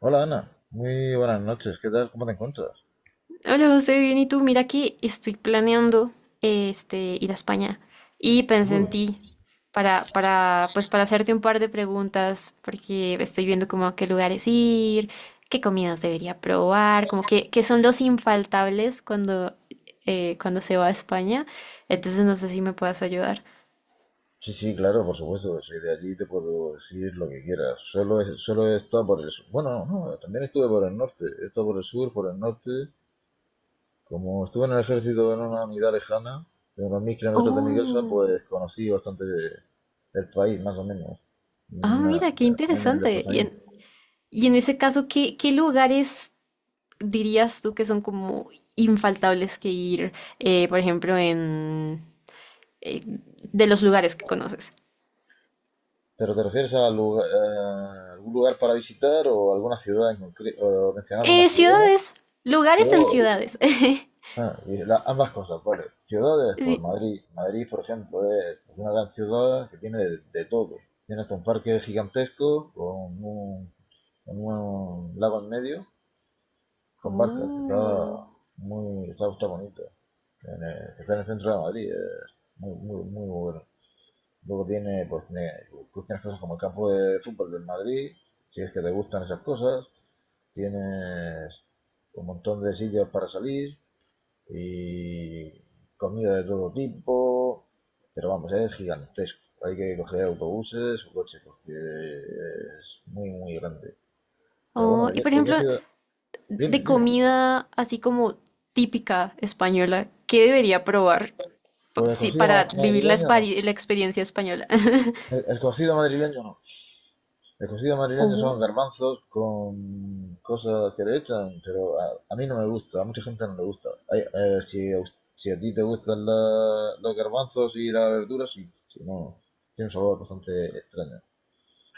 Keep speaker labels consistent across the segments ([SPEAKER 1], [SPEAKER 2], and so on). [SPEAKER 1] Hola Ana, muy buenas noches, ¿qué tal? ¿Cómo te encuentras?
[SPEAKER 2] Hola José, bien, ¿y tú? Mira que estoy planeando ir a España y pensé
[SPEAKER 1] Muy
[SPEAKER 2] en
[SPEAKER 1] bien.
[SPEAKER 2] ti para hacerte un par de preguntas porque estoy viendo como a qué lugares ir, qué comidas debería probar, como que, qué son los infaltables cuando se va a España. Entonces no sé si me puedas ayudar.
[SPEAKER 1] Sí, sí, claro, por supuesto, soy de allí y te puedo decir lo que quieras. Solo he estado por el sur. Bueno, no, no, también estuve por el norte, he estado por el sur, por el norte. Como estuve en el ejército en una unidad lejana, de unos 1000 km de mi casa,
[SPEAKER 2] Oh,
[SPEAKER 1] pues conocí bastante del país, más o menos,
[SPEAKER 2] ah,
[SPEAKER 1] na-
[SPEAKER 2] mira, qué
[SPEAKER 1] en el
[SPEAKER 2] interesante.
[SPEAKER 1] desplazamiento.
[SPEAKER 2] Y en ese caso, ¿qué lugares dirías tú que son como infaltables que ir, por ejemplo, en de los lugares que conoces?
[SPEAKER 1] ¿Pero te refieres a, a algún lugar para visitar o alguna ciudad en concreto? ¿O mencionar una ciudad?
[SPEAKER 2] Ciudades, lugares en
[SPEAKER 1] Yo-
[SPEAKER 2] ciudades.
[SPEAKER 1] Ah, ambas cosas, vale. Ciudades, pues
[SPEAKER 2] Sí.
[SPEAKER 1] Madrid. Madrid, por ejemplo, es pues, una gran ciudad que tiene de todo. Tienes un parque gigantesco con un lago en medio, con barcas, que
[SPEAKER 2] Oh.
[SPEAKER 1] está bonito. Que está en el centro de Madrid, es muy bueno. Luego tienes cosas como el campo de fútbol del Madrid, si es que te gustan esas cosas. Tienes un montón de sitios para salir, y comida de todo tipo, pero vamos, es gigantesco. Hay que coger autobuses o coches porque es muy grande. Pero bueno,
[SPEAKER 2] Oh,
[SPEAKER 1] ¿de
[SPEAKER 2] y
[SPEAKER 1] qué,
[SPEAKER 2] por
[SPEAKER 1] de qué
[SPEAKER 2] ejemplo,
[SPEAKER 1] ciudad?
[SPEAKER 2] de
[SPEAKER 1] Dime.
[SPEAKER 2] comida así como típica española, ¿qué debería probar
[SPEAKER 1] Pues
[SPEAKER 2] sí, para vivir
[SPEAKER 1] madrileño no.
[SPEAKER 2] la experiencia española?
[SPEAKER 1] El cocido madrileño no. El cocido madrileño son
[SPEAKER 2] Oh,
[SPEAKER 1] garbanzos con cosas que le echan, pero a mí no me gusta, a mucha gente no le gusta. Si, si a ti te gustan los garbanzos y las verduras, sí. Si no, tiene un sabor bastante extraño.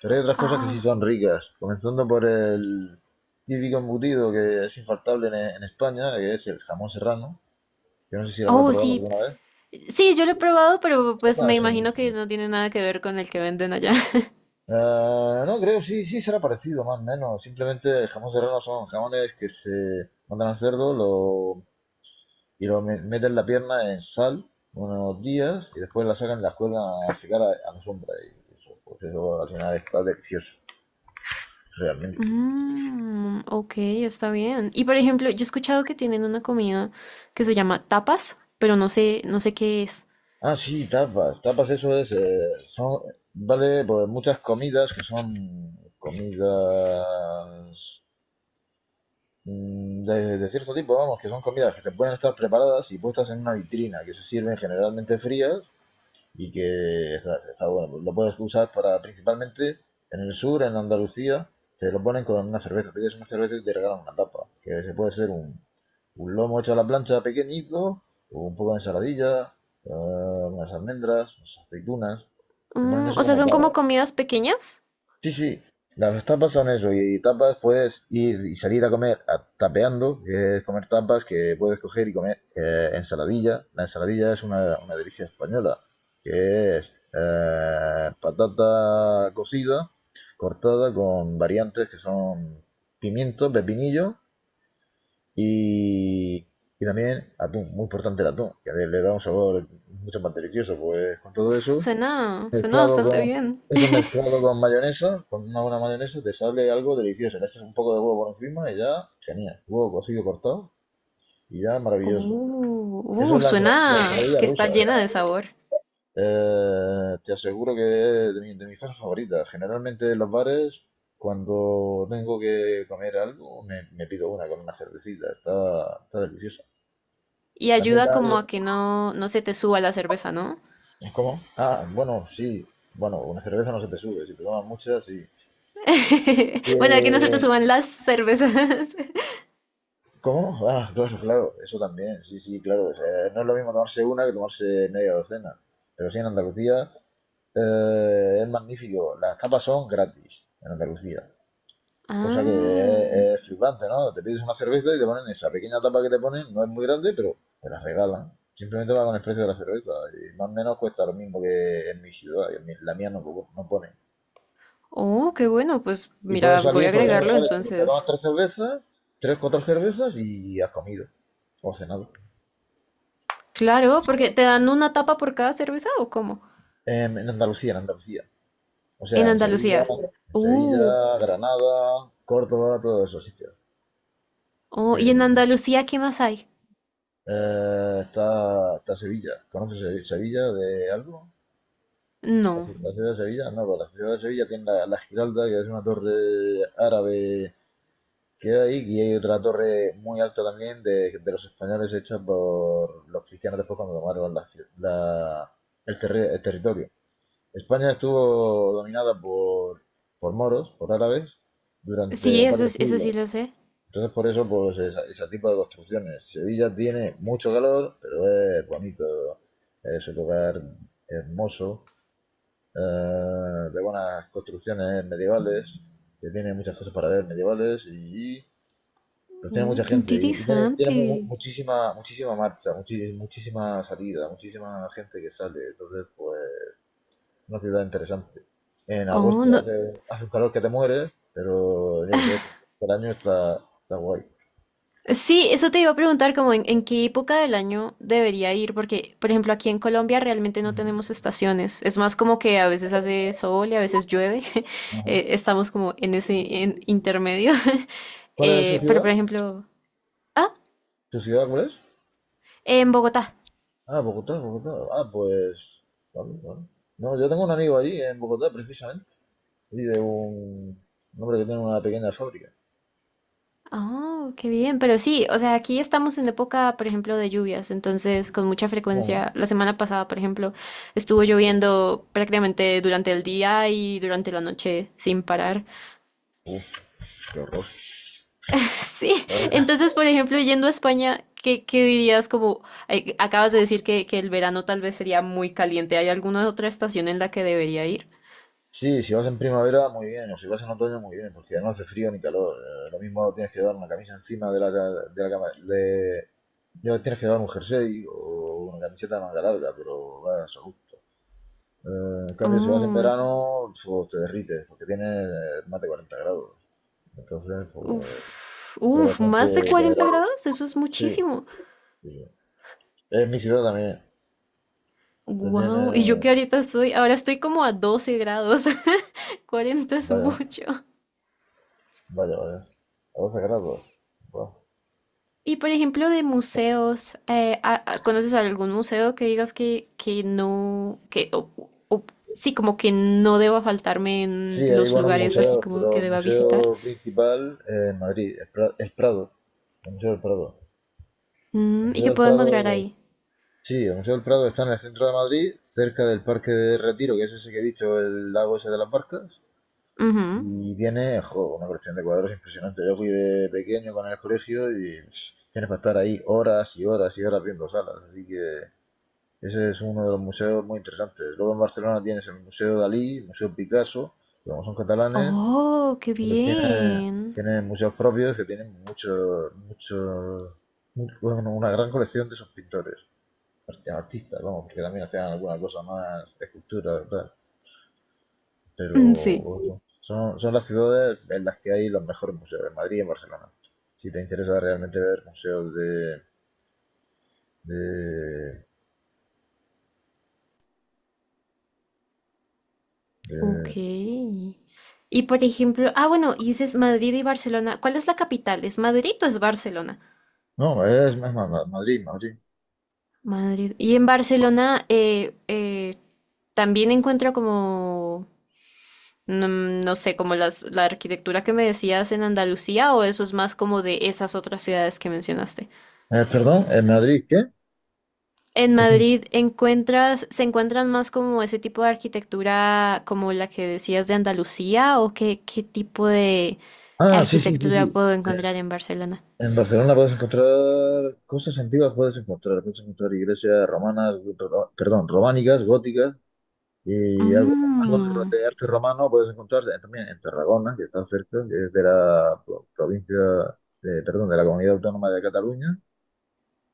[SPEAKER 1] Pero hay otras cosas que sí
[SPEAKER 2] ah,
[SPEAKER 1] son ricas, comenzando por el típico embutido que es infaltable en España, que es el jamón serrano. Yo no sé si lo habrá
[SPEAKER 2] oh,
[SPEAKER 1] probado
[SPEAKER 2] sí.
[SPEAKER 1] alguna vez.
[SPEAKER 2] Sí, yo lo he probado, pero pues
[SPEAKER 1] No,
[SPEAKER 2] me
[SPEAKER 1] es
[SPEAKER 2] imagino que
[SPEAKER 1] buenísimo.
[SPEAKER 2] no tiene nada que ver con el que venden allá.
[SPEAKER 1] No, creo, sí, sí será parecido, más o menos. Simplemente el jamón serrano son jamones que se mandan al cerdo lo, y lo meten la pierna en sal unos días y después la sacan y la cuelgan a secar a la sombra. Y eso, pues eso al final está delicioso, realmente.
[SPEAKER 2] Mm, ok, está bien. Y por ejemplo, yo he escuchado que tienen una comida que se llama tapas, pero no sé, no sé qué es.
[SPEAKER 1] Ah, sí, tapas. Tapas, eso es. Son, vale, pues muchas comidas que son comidas de cierto tipo, vamos, que son comidas que se pueden estar preparadas y puestas en una vitrina, que se sirven generalmente frías y que está bueno. Lo puedes usar para principalmente en el sur, en Andalucía, te lo ponen con una cerveza. Pides una cerveza y te regalan una tapa, que se puede ser un lomo hecho a la plancha pequeñito, o un poco de ensaladilla, unas almendras, unas aceitunas. Te ponen
[SPEAKER 2] Mm,
[SPEAKER 1] eso
[SPEAKER 2] o sea,
[SPEAKER 1] como
[SPEAKER 2] son como
[SPEAKER 1] tapa.
[SPEAKER 2] comidas pequeñas.
[SPEAKER 1] Sí, sí, las tapas son eso, y tapas puedes ir y salir a tapeando, que es comer tapas que puedes coger y comer ensaladilla. La ensaladilla es una delicia española, que es patata cocida, cortada con variantes que son pimiento, pepinillo y, y también atún, muy importante el atún, que le da un sabor mucho más delicioso, pues con todo
[SPEAKER 2] Uf,
[SPEAKER 1] eso
[SPEAKER 2] suena
[SPEAKER 1] mezclado. Ah,
[SPEAKER 2] bastante bien.
[SPEAKER 1] eso mezclado con mayonesa, con una buena mayonesa, te sale algo delicioso. Le echas un poco de huevo por encima y ya, genial. Huevo cocido cortado y ya maravilloso. Eso es la
[SPEAKER 2] Suena
[SPEAKER 1] ensaladilla
[SPEAKER 2] que
[SPEAKER 1] rusa,
[SPEAKER 2] está llena de
[SPEAKER 1] ¿eh?
[SPEAKER 2] sabor.
[SPEAKER 1] Te aseguro que es de mis cosas favoritas. Generalmente en los bares, cuando tengo que comer algo, me pido una con una cervecita. Está deliciosa.
[SPEAKER 2] Y
[SPEAKER 1] También
[SPEAKER 2] ayuda
[SPEAKER 1] la hay...
[SPEAKER 2] como a que no se te suba la cerveza, ¿no?
[SPEAKER 1] ¿Cómo? Ah, bueno, sí. Bueno, una cerveza no se te sube. Si te tomas muchas, sí. Y,
[SPEAKER 2] Bueno, a que no se te suban las cervezas.
[SPEAKER 1] ¿cómo? Ah, claro, claro, eso también, sí, sí, claro. O sea, no es lo mismo tomarse una que tomarse media docena. Pero sí, en Andalucía es magnífico. Las tapas son gratis en Andalucía, cosa que
[SPEAKER 2] Ah.
[SPEAKER 1] es flipante, ¿no? Te pides una cerveza y te ponen esa pequeña tapa que te ponen, no es muy grande, pero te la regalan. Simplemente va con el precio de la cerveza y más o menos cuesta lo mismo que en mi ciudad, y en la mía no, no pone.
[SPEAKER 2] Oh, qué bueno. Pues
[SPEAKER 1] Y
[SPEAKER 2] mira,
[SPEAKER 1] puedes
[SPEAKER 2] voy a
[SPEAKER 1] salir, por ejemplo,
[SPEAKER 2] agregarlo
[SPEAKER 1] sales, te tomas
[SPEAKER 2] entonces.
[SPEAKER 1] tres cervezas, tres, cuatro cervezas y has comido o cenado.
[SPEAKER 2] Claro, porque te dan una tapa por cada cerveza o cómo?
[SPEAKER 1] En Andalucía, en Andalucía. O sea,
[SPEAKER 2] En
[SPEAKER 1] en Sevilla,
[SPEAKER 2] Andalucía.
[SPEAKER 1] serio. En
[SPEAKER 2] Uh,
[SPEAKER 1] Sevilla, Granada, Córdoba, todos esos sitios.
[SPEAKER 2] oh, ¿y en
[SPEAKER 1] Eh,
[SPEAKER 2] Andalucía qué más hay?
[SPEAKER 1] Está Sevilla. ¿Conoces Sevilla de algo? ¿La,
[SPEAKER 2] No.
[SPEAKER 1] la ciudad de Sevilla? No, pero la ciudad de Sevilla tiene la Giralda, que es una torre árabe que hay, y hay otra torre muy alta también de los españoles hecha por los cristianos después cuando tomaron la ci- la- el terre- el territorio. España estuvo dominada por moros, por árabes,
[SPEAKER 2] Sí,
[SPEAKER 1] durante
[SPEAKER 2] eso,
[SPEAKER 1] varios
[SPEAKER 2] eso
[SPEAKER 1] siglos.
[SPEAKER 2] sí lo sé.
[SPEAKER 1] Entonces, por eso, pues, ese tipo de construcciones. Sevilla tiene mucho calor, pero es bonito, es un lugar hermoso, eh, de buenas construcciones medievales, que tiene muchas cosas para ver medievales y pues tiene mucha
[SPEAKER 2] Qué
[SPEAKER 1] gente y tiene, tiene
[SPEAKER 2] interesante.
[SPEAKER 1] muchísima, muchísima marcha, muchísima salida, muchísima gente que sale. Entonces, pues una ciudad interesante. En
[SPEAKER 2] Oh,
[SPEAKER 1] agosto
[SPEAKER 2] no.
[SPEAKER 1] hace, hace un calor que te mueres, pero yo qué sé, por año está, está guay.
[SPEAKER 2] Sí, eso te iba a preguntar como en qué época del año debería ir, porque por ejemplo aquí en Colombia realmente no
[SPEAKER 1] Ujú.
[SPEAKER 2] tenemos estaciones. Es más como que a veces hace sol y a veces llueve.
[SPEAKER 1] Ajá.
[SPEAKER 2] Estamos como en ese en intermedio.
[SPEAKER 1] ¿Cuál es su
[SPEAKER 2] Pero
[SPEAKER 1] ciudad?
[SPEAKER 2] por ejemplo, ah,
[SPEAKER 1] ¿Su ciudad cuál es?
[SPEAKER 2] en Bogotá.
[SPEAKER 1] Ah, Bogotá, Bogotá. Ah, pues. Vale, vale. No, yo tengo un amigo allí en Bogotá, precisamente. Vive un hombre que tiene una pequeña fábrica.
[SPEAKER 2] Oh, qué bien, pero sí, o sea, aquí estamos en época, por ejemplo, de lluvias, entonces con mucha
[SPEAKER 1] Ajá.
[SPEAKER 2] frecuencia, la semana pasada, por ejemplo, estuvo lloviendo prácticamente durante el día y durante la noche sin parar.
[SPEAKER 1] Uf, qué horror.
[SPEAKER 2] Sí,
[SPEAKER 1] Vale.
[SPEAKER 2] entonces, por ejemplo, yendo a España, ¿qué dirías? Como acabas de decir que el verano tal vez sería muy caliente, ¿hay alguna otra estación en la que debería ir?
[SPEAKER 1] Sí, si vas en primavera, muy bien, o si vas en otoño, muy bien, porque no hace frío ni calor. Lo mismo tienes que dar una camisa encima de de la cama. Ya tienes que dar un jersey o una camiseta de manga larga, pero vas a gusto. En cambio, si vas en
[SPEAKER 2] Oh,
[SPEAKER 1] verano, pues, te derrites, porque tiene más de 40 grados. Entonces, pues,
[SPEAKER 2] uf,
[SPEAKER 1] es
[SPEAKER 2] uf,
[SPEAKER 1] bastante
[SPEAKER 2] más de 40
[SPEAKER 1] temerario.
[SPEAKER 2] grados, eso es
[SPEAKER 1] Sí,
[SPEAKER 2] muchísimo.
[SPEAKER 1] sí, sí. En mi ciudad también. Se
[SPEAKER 2] Wow, y yo que
[SPEAKER 1] tiene.
[SPEAKER 2] ahorita estoy, ahora estoy como a 12 grados. 40 es
[SPEAKER 1] Vaya,
[SPEAKER 2] mucho.
[SPEAKER 1] vaya, vaya. A 12 grados. Buah.
[SPEAKER 2] Y por ejemplo, de museos, ¿conoces algún museo que digas que no, que, o- sí, como que no deba faltarme
[SPEAKER 1] Sí,
[SPEAKER 2] en
[SPEAKER 1] hay
[SPEAKER 2] los
[SPEAKER 1] buenos
[SPEAKER 2] lugares así
[SPEAKER 1] museos,
[SPEAKER 2] como
[SPEAKER 1] pero
[SPEAKER 2] que
[SPEAKER 1] el
[SPEAKER 2] deba visitar?
[SPEAKER 1] museo principal en Madrid, es el Prado. El Museo del Prado. El
[SPEAKER 2] Mm, ¿y
[SPEAKER 1] Museo
[SPEAKER 2] que
[SPEAKER 1] del
[SPEAKER 2] puedo encontrar
[SPEAKER 1] Prado,
[SPEAKER 2] ahí?
[SPEAKER 1] sí, el Museo del Prado está en el centro de Madrid, cerca del Parque de Retiro, que es ese que he dicho, el lago ese de las barcas.
[SPEAKER 2] Ujú.
[SPEAKER 1] Y tiene, jo, una colección de cuadros impresionante. Yo fui de pequeño con el colegio y pff, tienes para estar ahí horas y horas y horas viendo salas. Así que ese es uno de los museos muy interesantes. Luego en Barcelona tienes el Museo Dalí, el Museo Picasso, que como son catalanes,
[SPEAKER 2] Oh, qué
[SPEAKER 1] pero tiene,
[SPEAKER 2] bien.
[SPEAKER 1] tiene museos propios que tienen mucho, mucho, bueno, una gran colección de esos pintores, artistas, vamos, porque también hacían alguna cosa más, esculturas, tal. Pero
[SPEAKER 2] Mm, sí.
[SPEAKER 1] eso, son, son las ciudades en las que hay los mejores museos, en Madrid y en Barcelona. Si te interesa realmente ver museos de,
[SPEAKER 2] Ok.
[SPEAKER 1] de-
[SPEAKER 2] Y por ejemplo, ah, bueno, y dices Madrid y Barcelona. ¿Cuál es la capital? ¿Es Madrid o es Barcelona?
[SPEAKER 1] no, es más, Madrid, Madrid.
[SPEAKER 2] Madrid. Y en Barcelona también encuentro como, no sé, como la arquitectura que me decías en Andalucía o eso es más como de esas otras ciudades que mencionaste.
[SPEAKER 1] Perdón, en Madrid, ¿qué?
[SPEAKER 2] En
[SPEAKER 1] Es-
[SPEAKER 2] Madrid encuentras, se encuentran más como ese tipo de arquitectura como la que decías de Andalucía o qué tipo de
[SPEAKER 1] Ah, sí, sí, sí,
[SPEAKER 2] arquitectura
[SPEAKER 1] sí.
[SPEAKER 2] puedo
[SPEAKER 1] Eh,
[SPEAKER 2] encontrar en Barcelona.
[SPEAKER 1] En Barcelona puedes encontrar cosas antiguas, puedes encontrar iglesias romanas, perdón, románicas, góticas, y algo, algo
[SPEAKER 2] Mm.
[SPEAKER 1] de arte romano puedes encontrar también en Tarragona, que está cerca, que es de la provincia, perdón, de la Comunidad Autónoma de Cataluña,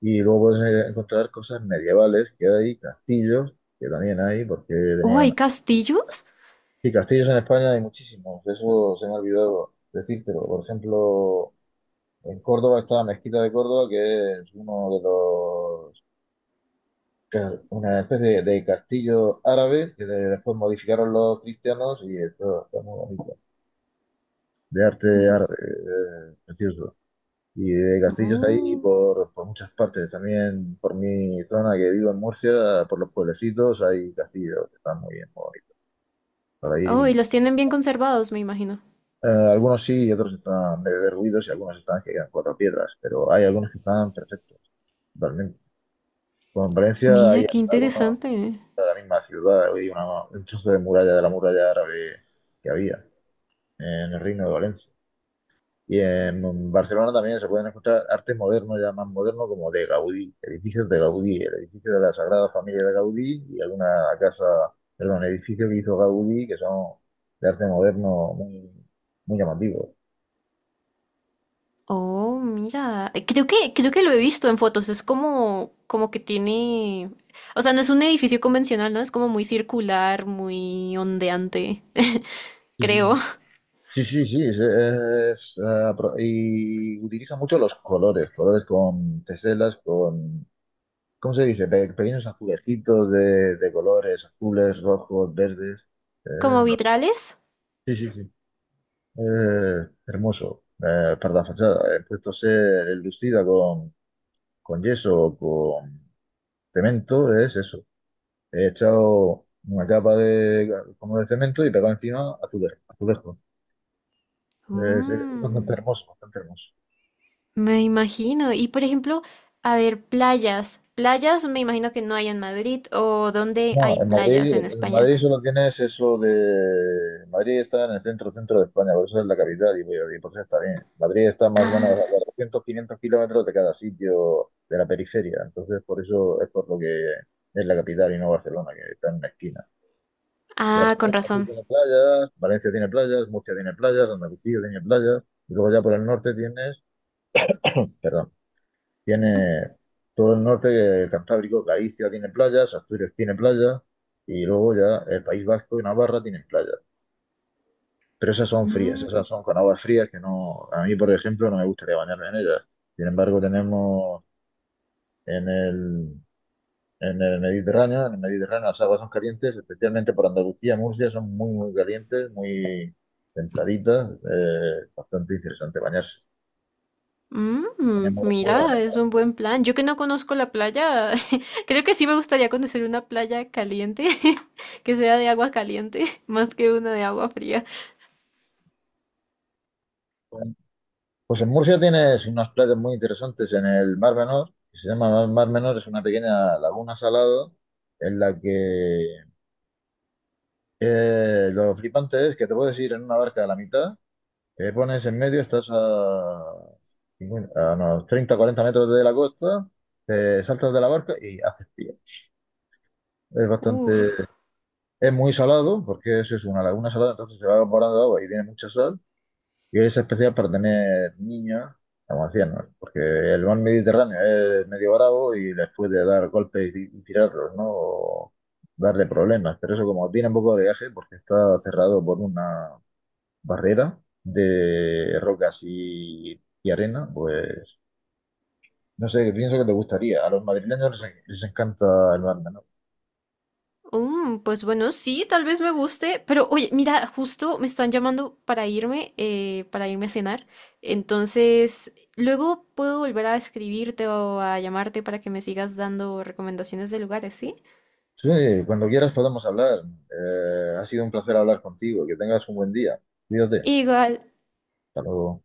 [SPEAKER 1] y luego puedes encontrar cosas medievales que hay, castillos, que también hay, porque
[SPEAKER 2] Oh,
[SPEAKER 1] tenía
[SPEAKER 2] ¿hay
[SPEAKER 1] una...
[SPEAKER 2] castillos?
[SPEAKER 1] Sí, castillos en España hay muchísimos, eso se me ha olvidado decírtelo, por ejemplo... En Córdoba está la Mezquita de Córdoba, que es uno de los, una especie de castillo árabe que después modificaron los cristianos y esto está muy bonito, de arte
[SPEAKER 2] Ujú.
[SPEAKER 1] árabe, precioso. Y de castillos ahí
[SPEAKER 2] Oh.
[SPEAKER 1] por muchas partes, también por mi zona que vivo en Murcia, por los pueblecitos hay castillos que están muy bien, muy bonitos para ir y
[SPEAKER 2] Oh, y
[SPEAKER 1] visitar.
[SPEAKER 2] los tienen bien conservados, me imagino.
[SPEAKER 1] Algunos sí y otros están medio derruidos y algunos están que quedan cuatro piedras, pero hay algunos que están perfectos. Totalmente. Bueno, Valencia
[SPEAKER 2] Mira,
[SPEAKER 1] hay
[SPEAKER 2] qué
[SPEAKER 1] algunos
[SPEAKER 2] interesante.
[SPEAKER 1] de la misma ciudad, hay un trozo de muralla de la muralla árabe que había en el Reino de Valencia. Y en Barcelona también se pueden encontrar arte moderno, ya más moderno, como de Gaudí, edificios de Gaudí, el edificio de la Sagrada Familia de Gaudí y alguna casa, perdón, edificio que hizo Gaudí, que son de arte moderno muy llamativos.
[SPEAKER 2] Oh, mira. Creo que lo he visto en fotos. Es como, como que tiene. O sea, no es un edificio convencional, ¿no? Es como muy circular, muy ondeante.
[SPEAKER 1] Sí,
[SPEAKER 2] Creo.
[SPEAKER 1] sí, sí, sí, sí, sí, es, pro- Y utiliza mucho los colores, colores con teselas, con ¿cómo se dice? Pequeños azulejitos de colores azules, rojos, verdes. Eh,
[SPEAKER 2] ¿Como vitrales?
[SPEAKER 1] sí, sí, sí. Hermoso. Para la fachada. He puesto a ser enlucida con yeso o con cemento, es eso. He echado una capa de, como de cemento y pegado encima azulejo. Azulejo. Es bastante
[SPEAKER 2] Mm.
[SPEAKER 1] hermoso, bastante hermoso.
[SPEAKER 2] Me imagino. Y por ejemplo, a ver, playas. Playas me imagino que no hay en Madrid o dónde
[SPEAKER 1] No,
[SPEAKER 2] hay playas en
[SPEAKER 1] En
[SPEAKER 2] España.
[SPEAKER 1] Madrid solo tienes eso de... Madrid está en el centro, centro de España, por eso es la capital y por eso está bien. Madrid está más o menos a
[SPEAKER 2] Ah,
[SPEAKER 1] 400 500 km de cada sitio de la periferia, entonces por eso es por lo que es la capital y no Barcelona, que está en una esquina.
[SPEAKER 2] ah,
[SPEAKER 1] Barcelona
[SPEAKER 2] con
[SPEAKER 1] sí
[SPEAKER 2] razón.
[SPEAKER 1] tiene playas, Valencia tiene playas, Murcia tiene playas, Andalucía tiene playas, y luego ya por el norte tienes... Perdón. Tiene todo el norte Cantábrico, Galicia tiene playas, Asturias tiene playas y luego ya el País Vasco y Navarra tienen playas. Pero esas son frías,
[SPEAKER 2] Mm,
[SPEAKER 1] esas son con aguas frías que no, a mí por ejemplo no me gustaría bañarme en ellas. Sin embargo, tenemos en el, en el Mediterráneo las aguas son calientes, especialmente por Andalucía, Murcia son muy calientes, muy templaditas, bastante interesante bañarse.
[SPEAKER 2] mm,
[SPEAKER 1] Tenemos muy
[SPEAKER 2] mira,
[SPEAKER 1] buena.
[SPEAKER 2] es un buen plan. Yo que no conozco la playa, creo que sí me gustaría conocer una playa caliente, que sea de agua caliente, más que una de agua fría.
[SPEAKER 1] Pues en Murcia tienes unas playas muy interesantes en el Mar Menor, que se llama el Mar Menor, es una pequeña laguna salada en la que lo flipante es que te puedes ir en una barca a la mitad, te pones en medio, 50 a unos 30-40 metros de la costa, te saltas de la barca y haces pie. Es
[SPEAKER 2] Uf.
[SPEAKER 1] bastante, es muy salado, porque eso es una laguna salada, entonces se va evaporando agua y tiene mucha sal. Y es especial para tener niños, como decíamos, porque el mar Mediterráneo es medio bravo y les puede dar golpes y tirarlos, ¿no? O darle problemas. Pero eso como tiene un poco de viaje, porque está cerrado por una barrera de rocas y arena, pues no sé, pienso que te gustaría. A los madrileños les encanta el mar, ¿no?
[SPEAKER 2] Mm, pues bueno, sí, tal vez me guste, pero oye, mira, justo me están llamando para irme a cenar. Entonces, luego puedo volver a escribirte o a llamarte para que me sigas dando recomendaciones de lugares, ¿sí?
[SPEAKER 1] Sí, cuando quieras podemos hablar. Ha sido un placer hablar contigo. Que tengas un buen día. Cuídate.
[SPEAKER 2] Igual,
[SPEAKER 1] Hasta luego.